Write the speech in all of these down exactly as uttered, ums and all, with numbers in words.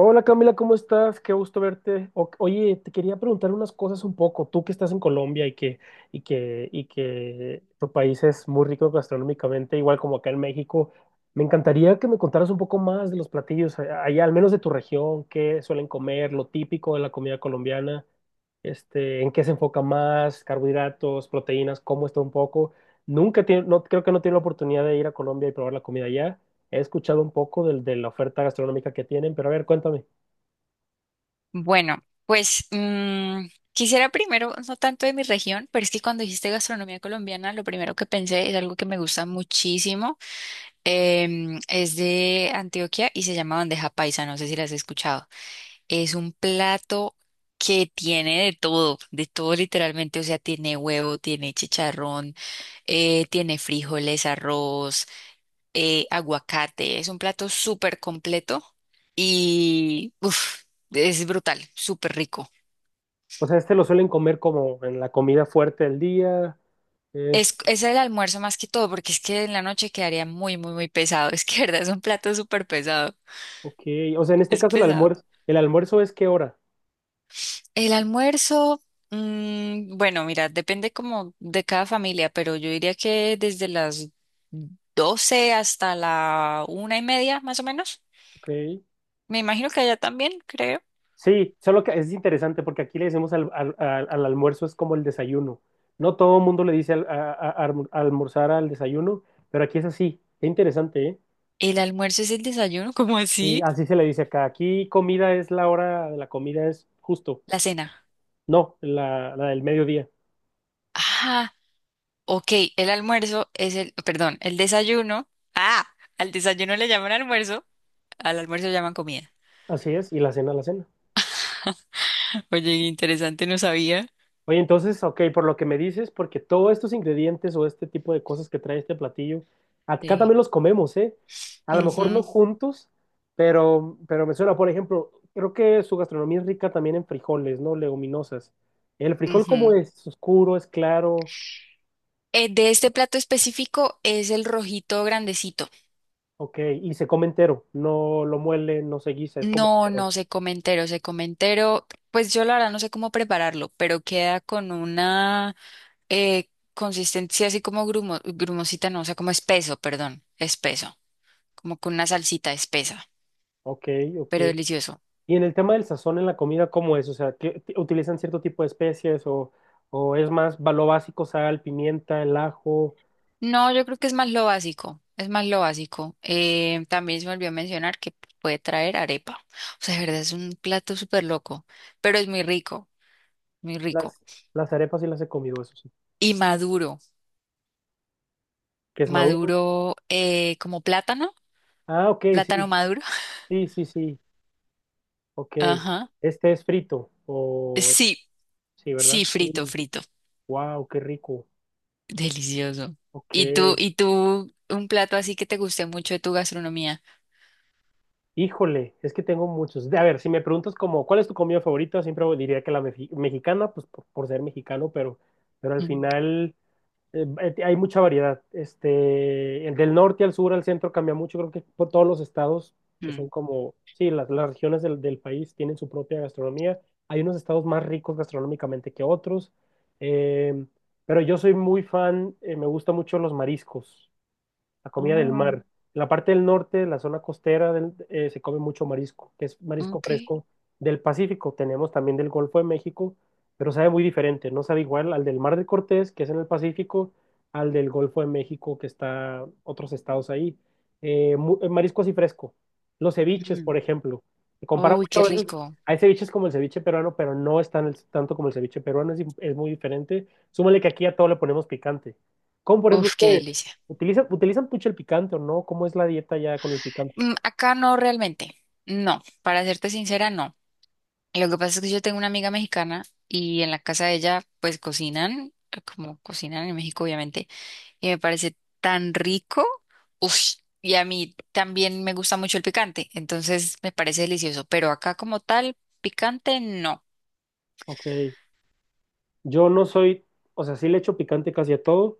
Hola Camila, ¿cómo estás? Qué gusto verte. O- oye, te quería preguntar unas cosas un poco. Tú que estás en Colombia y que, y que, y que tu país es muy rico gastronómicamente, igual como acá en México, me encantaría que me contaras un poco más de los platillos a- allá, al menos de tu región, qué suelen comer, lo típico de la comida colombiana, este, en qué se enfoca más, carbohidratos, proteínas, cómo está un poco. Nunca tiene, no, creo que no tiene la oportunidad de ir a Colombia y probar la comida allá. He escuchado un poco del- de la oferta gastronómica que tienen, pero a ver, cuéntame. Bueno, pues mm, quisiera primero, no tanto de mi región, pero es que cuando dijiste gastronomía colombiana, lo primero que pensé es algo que me gusta muchísimo. Em, es de Antioquia y se llama bandeja paisa, no sé si la has escuchado. Es un plato que tiene de todo, de todo literalmente, o sea, tiene huevo, tiene chicharrón, eh, tiene frijoles, arroz, eh, aguacate. Es un plato súper completo y uf, es brutal, súper rico. O sea, este lo suelen comer como en la comida fuerte del día. Es, Es, es el almuerzo más que todo, porque es que en la noche quedaría muy, muy, muy pesado. Es que, verdad, es un plato súper pesado. ok. O sea, en este Es caso el pesado. almuerzo, ¿el almuerzo es qué hora? El almuerzo, mm, bueno, mira, depende como de cada familia, pero yo diría que desde las doce hasta la una y media, más o menos. Ok. Me imagino que allá también, creo. Sí, solo que es interesante porque aquí le decimos al, al- al- al almuerzo es como el desayuno. No todo el mundo le dice al- a, a- a- almorzar al desayuno, pero aquí es así. Qué interesante, ¿eh? El almuerzo es el desayuno, ¿cómo Y así? así se le dice acá. Aquí comida es la hora de la comida, es justo. La cena. No, la, la del mediodía. Ah, ok, el almuerzo es el, perdón, el desayuno. Ah, al desayuno le llaman almuerzo, al almuerzo le llaman comida. Así es, y la cena, la cena. Oye, interesante, no sabía. Oye, entonces, ok, por lo que me dices, porque todos estos ingredientes o este tipo de cosas que trae este platillo, acá Sí. también los comemos, ¿eh? A lo mejor Ujú, no juntos, pero, pero me suena, por ejemplo, creo que su gastronomía es rica también en frijoles, ¿no? Leguminosas. ¿El frijol cómo ujú. es? ¿Es oscuro? ¿Es claro? Eh, de este plato específico es el rojito grandecito. Ok, y se come entero, no lo muele, no se guisa, es como No, entero. no se come entero, se come entero. Pues yo la verdad no sé cómo prepararlo, pero queda con una eh, consistencia así como grumo, grumosita, no, o sea, como espeso, perdón, espeso, como con una salsita espesa, Ok, ok. pero delicioso. Y en el tema del sazón en la comida, ¿cómo es? O sea, ¿qué- t- ¿utilizan cierto tipo de especies o, o es más va- lo básico, sal, pimienta, el ajo? No, yo creo que es más lo básico, es más lo básico. Eh, también se me olvidó mencionar que puede traer arepa. O sea, de verdad es un plato súper loco, pero es muy rico, muy Las, rico. las arepas sí las he comido, eso sí. Y maduro, ¿Que es maduro? maduro eh, como plátano, Ah, ok, plátano sí, maduro. sí, sí, sí, ok. Ajá. Este es frito, o Sí, sí, sí, ¿verdad? frito, frito. Wow, qué rico. Delicioso. Ok, ¿Y tú, y tú, un plato así que te guste mucho de tu gastronomía? híjole, es que tengo muchos. A ver, si me preguntas como, ¿cuál es tu comida favorita? Siempre diría que la mefi- mexicana, pues por, por ser mexicano, pero, pero al Mm. final... Eh, eh, hay mucha variedad. Este, el del norte al sur, al centro cambia mucho. Creo que por todos los estados que Mm. son como, sí, las, las regiones del, del país tienen su propia gastronomía. Hay unos estados más ricos gastronómicamente que otros. Eh, pero yo soy muy fan, eh, me gustan mucho los mariscos, la comida del Oh, mar. En la parte del norte, la zona costera, del- eh, se come mucho marisco, que es marisco ok. fresco del Pacífico. Tenemos también del Golfo de México, pero sabe muy diferente. No sabe igual al del Mar de Cortés, que es en el Pacífico, al del Golfo de México, que está otros estados ahí. Eh, mu- eh, marisco así fresco. Los ceviches, por Mm. ejemplo. Se compara Uy, mucho qué a veces. rico. Hay ceviches como el ceviche peruano, pero no es tan- tanto como el ceviche peruano, es, di- es muy diferente. Súmale que aquí a todo le ponemos picante. Como por ejemplo Uf, qué ustedes. delicia. ¿Utilizan, ¿utilizan pucha el picante o no? ¿Cómo es la dieta ya con el picante? Mm, acá no realmente, no, para serte sincera, no. Lo que pasa es que yo tengo una amiga mexicana y en la casa de ella pues cocinan, eh, como cocinan en México obviamente, y me parece tan rico, Ush. Y a mí también me gusta mucho el picante, entonces me parece delicioso, pero acá como tal, picante no. Ok. Yo no soy, o sea, sí le echo picante casi a todo,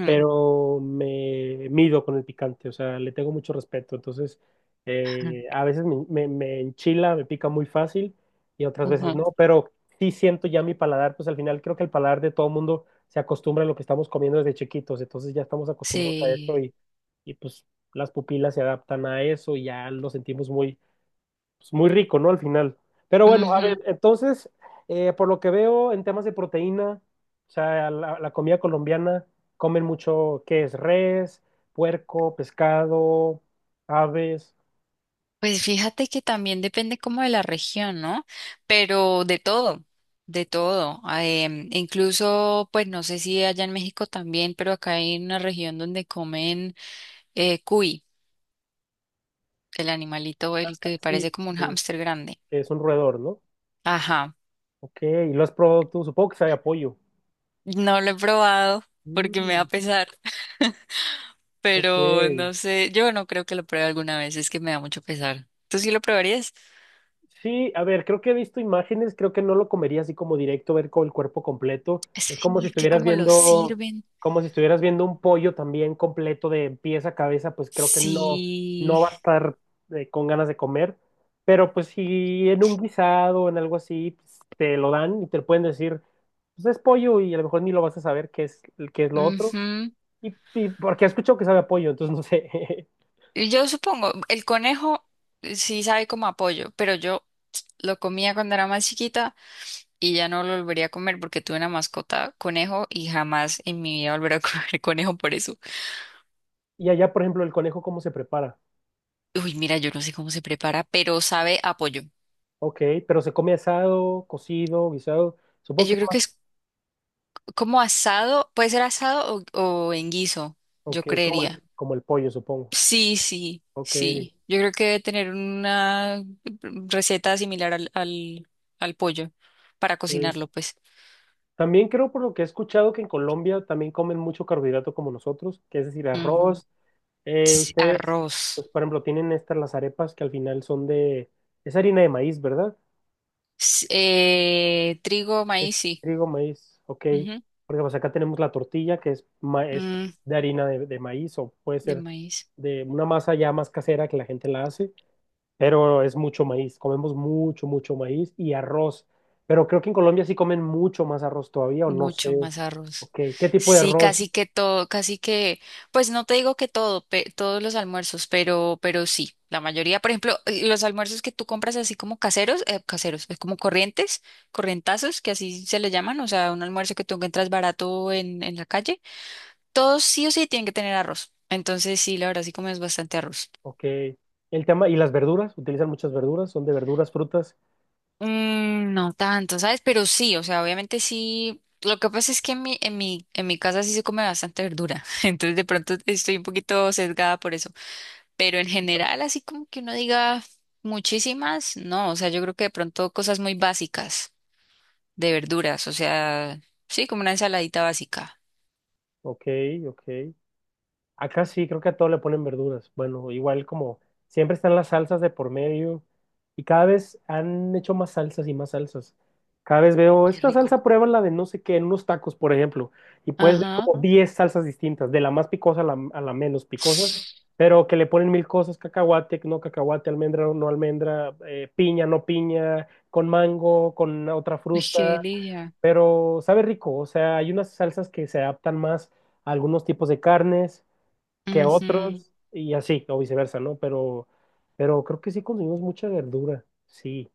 Mm, pero me mido con el picante, o sea, le tengo mucho respeto. Entonces, eh, a veces me, me- me enchila, me pica muy fácil y otras veces ujú, no, pero sí siento ya mi paladar, pues al final creo que el paladar de todo mundo se acostumbra a lo que estamos comiendo desde chiquitos, entonces ya estamos acostumbrados a eso sí. y, y pues las pupilas se adaptan a eso y ya lo sentimos muy pues, muy rico, ¿no? Al final. Pero bueno, a ver, entonces, eh, por lo que veo en temas de proteína, o sea, la, la comida colombiana, comen mucho, ¿qué es? Res, puerco, pescado, aves, Pues fíjate que también depende como de la región, ¿no? Pero de todo, de todo. Ah, em, incluso, pues no sé si allá en México también, pero acá hay una región donde comen eh, cuy, el animalito, el que sí, parece como un sí, hámster grande. que es un roedor, ¿no? Ajá, Ok, y lo has probado tú, supongo que sabe a pollo. no lo he probado porque me da Mm, pesar, ok, pero no sé, yo no creo que lo pruebe alguna vez, es que me da mucho pesar. ¿Tú sí lo probarías? sí, a ver, creo que he visto imágenes, creo que no lo comería así como directo, ver con el cuerpo completo. Es como Sí, si es que estuvieras como lo viendo, sirven, como si estuvieras viendo un pollo también completo de pies a cabeza, pues creo que no, no sí. va a estar eh, con ganas de comer. Pero pues si en un guisado, en algo así, pues, te lo dan y te pueden decir, pues es pollo y a lo mejor ni lo vas a saber qué es, qué es lo otro. Ujú. Y, y porque he escuchado que sabe a pollo, entonces no sé. Y yo supongo, el conejo eh, sí sabe como apoyo, pero yo lo comía cuando era más chiquita y ya no lo volvería a comer porque tuve una mascota conejo y jamás en mi vida volveré a comer conejo por eso. Y allá, por ejemplo, el conejo, ¿cómo se prepara? Uy, mira, yo no sé cómo se prepara, pero sabe apoyo. Ok, pero se come asado, cocido, guisado. Supongo Yo que es creo más, que es como asado, puede ser asado o, o en guiso, yo ok, como creería. el, como el pollo, supongo. Sí, sí, Ok. sí. Yo creo que debe tener una receta similar al, al, al pollo para eh, cocinarlo, pues. También creo por lo que he escuchado que en Colombia también comen mucho carbohidrato como nosotros, que es decir, Ujú. arroz. Eh, s- ustedes, pues, Arroz. por ejemplo, tienen estas las arepas que al final son de, es harina de maíz, ¿verdad? S- eh, trigo, Es maíz, sí. trigo, maíz, ok. Ujú. Porque pues acá tenemos la tortilla que es, ma- es Mm, de harina de, de maíz o puede de ser maíz. de una masa ya más casera que la gente la hace. Pero es mucho maíz, comemos mucho, mucho maíz y arroz, pero creo que en Colombia sí comen mucho más arroz todavía, o no Mucho sé, más arroz. ok, ¿qué tipo de Sí, arroz? casi que todo, casi que, pues no te digo que todo, pe- todos los almuerzos, pero, pero sí, la mayoría, por ejemplo, eh, los almuerzos que tú compras así como caseros, eh, caseros, es como corrientes, corrientazos, que así se le llaman, o sea, un almuerzo que tú encuentras barato en, en la calle, todos sí o sí tienen que tener arroz. Entonces sí, la verdad sí comes bastante arroz. Ok, el tema, ¿y las verduras? ¿Utilizan muchas verduras? ¿Son de verduras, frutas? Mm, no tanto, ¿sabes? Pero sí, o sea, obviamente sí. Lo que pasa es que en mi, en mi, en mi casa sí se come bastante verdura, entonces de pronto estoy un poquito sesgada por eso. Pero en general, así como que uno diga muchísimas, no, o sea, yo creo que de pronto cosas muy básicas de verduras, o sea, sí, como una ensaladita básica. Ok, ok. Acá sí, creo que a todo le ponen verduras. Bueno, igual como siempre están las salsas de por medio y cada vez han hecho más salsas y más salsas. Cada vez veo, Qué esta rico. salsa prueba la de no sé qué, en unos tacos, por ejemplo, y puedes ver Ajá. como ¿no? diez salsas distintas, de la más picosa a la, a la menos picosa, pero que le ponen mil cosas, cacahuate, no cacahuate, almendra, no almendra, eh, piña, no piña, con mango, con otra Ay, qué fruta, delicia. pero sabe rico, o sea, hay unas salsas que se adaptan más a algunos tipos de carnes que a Ujú. otros y así, o viceversa, ¿no? Pero, pero creo que sí consumimos mucha verdura, sí,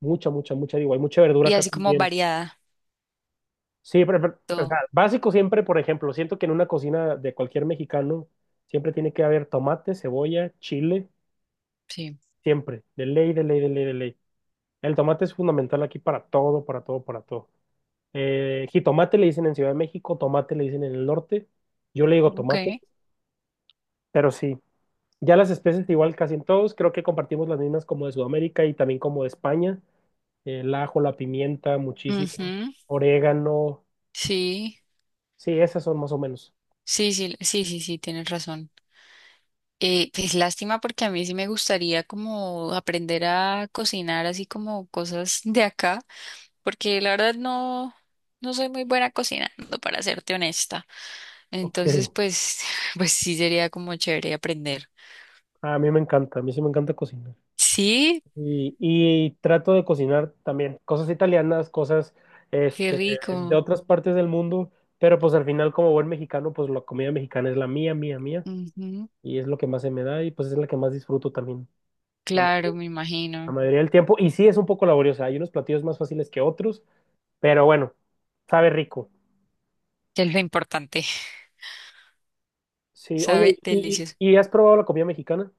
mucha, mucha, mucha, digo, hay mucha verdura Y acá así como también. variada, Sí, pero, pero, o todo. sea, básico siempre, por ejemplo, siento que en una cocina de cualquier mexicano siempre tiene que haber tomate, cebolla, chile, Sí. siempre, de ley, de ley, de ley, de ley. El tomate es fundamental aquí para todo, para todo, para todo. Eh, jitomate le dicen en Ciudad de México, tomate le dicen en el norte, yo le digo Ok. tomate, pero sí. Ya las especies igual casi en todos, creo que compartimos las mismas como de Sudamérica y también como de España, el ajo, la pimienta, muchísimo, Ujú. orégano, Sí. sí, esas son más o menos. Sí, sí, sí, sí, sí, tienes razón. Eh, es lástima porque a mí sí me gustaría como aprender a cocinar así como cosas de acá, porque la verdad no, no soy muy buena cocinando, para serte honesta. Ok, Entonces, pues, pues sí sería como chévere aprender. a mí me encanta, a mí sí me encanta cocinar. Sí, Y, y trato de cocinar también cosas italianas, cosas qué este, de rico. otras partes del mundo, pero pues al final como buen mexicano, pues la comida mexicana es la mía, mía, mía, Ujú, y es lo que más se me da y pues es la que más disfruto también. claro, me La imagino. mayoría del tiempo. Y sí es un poco laboriosa, hay unos platillos más fáciles que otros, pero bueno, sabe rico. Que es lo importante, Sí, oye, sabe, ¿y, delicioso. y- y has probado la comida mexicana?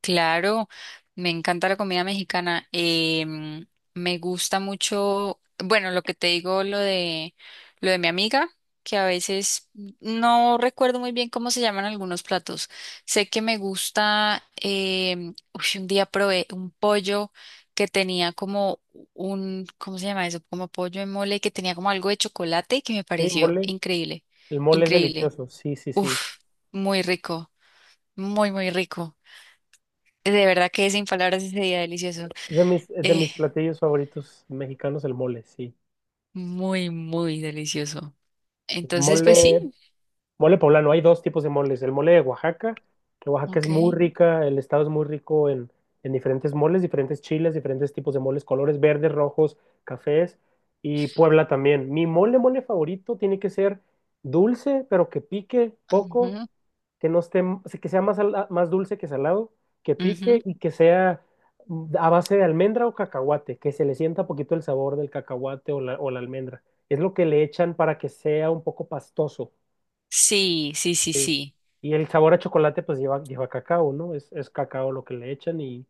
Claro, me encanta la comida mexicana. Em, me gusta mucho, bueno, lo que te digo, lo de lo de mi amiga, que a veces no recuerdo muy bien cómo se llaman algunos platos. Sé que me gusta, em, uy, un día probé un pollo que tenía como un, ¿cómo se llama eso? Como pollo en mole que tenía como algo de chocolate que me Sí, pareció mole. increíble, El mole es increíble. delicioso, sí, sí, sí. Uf, muy rico, muy, muy rico. De verdad que sin palabras ese día delicioso. Es de mis, es de Eh, mis platillos favoritos mexicanos, el mole, sí. Muy, muy delicioso. Sí. Entonces, pues sí, Mole, mole poblano, hay dos tipos de moles. El mole de Oaxaca, que Oaxaca es ok. muy rica, el estado es muy rico en, en diferentes moles, diferentes chiles, diferentes tipos de moles, colores verdes, rojos, cafés, y Puebla también. Mi mole, mole favorito tiene que ser dulce, pero que pique poco, Ujú, que no esté, que sea más, sala- más dulce que salado, que ujú. pique y que sea mm, a base de almendra o cacahuate, que se le sienta poquito el sabor del cacahuate o la, o la almendra. Es lo que le echan para que sea un poco pastoso. Sí, sí, sí, Sí. sí. Y el sabor a chocolate pues lleva, lleva cacao, ¿no? Es, es cacao lo que le echan y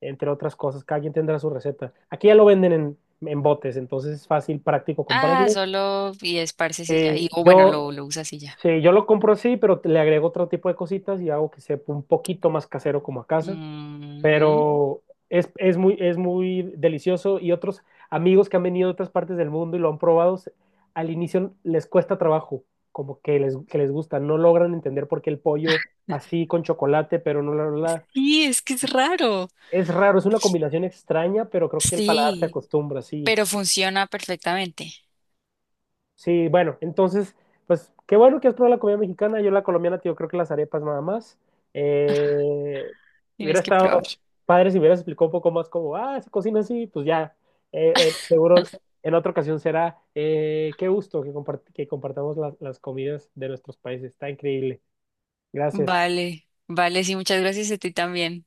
entre otras cosas, cada quien tendrá su receta. Aquí ya lo venden en, en botes, entonces es fácil, práctico Ah, comprarlo. solo y esparces y ya. Y, Eh, o bueno, lo, yo, lo usas y ya. sí, yo lo compro así, pero te- le agrego otro tipo de cositas y hago que sepa un poquito más casero como a casa Ujú. pero es, es, muy, es muy delicioso y otros amigos que han venido de otras partes del mundo y lo han probado, al inicio les cuesta trabajo, como que les, que les gusta, no logran entender por qué el pollo así con chocolate, pero no la... la la- Sí, es que es raro. Es raro, es una combinación extraña, pero creo que el paladar se Sí, acostumbra, sí. pero funciona perfectamente. Sí, bueno, entonces, pues qué bueno que has probado la comida mexicana. Yo la colombiana, tío, creo que las arepas nada más. Eh, hubiera Tienes que estado probar. padre si hubieras explicado un poco más cómo, ah, se cocina así, pues ya. Eh, eh, seguro en otra ocasión será. Eh, qué gusto que, compart- que compartamos la- las comidas de nuestros países. Está increíble. Gracias. Vale, vale, sí, muchas gracias a ti también.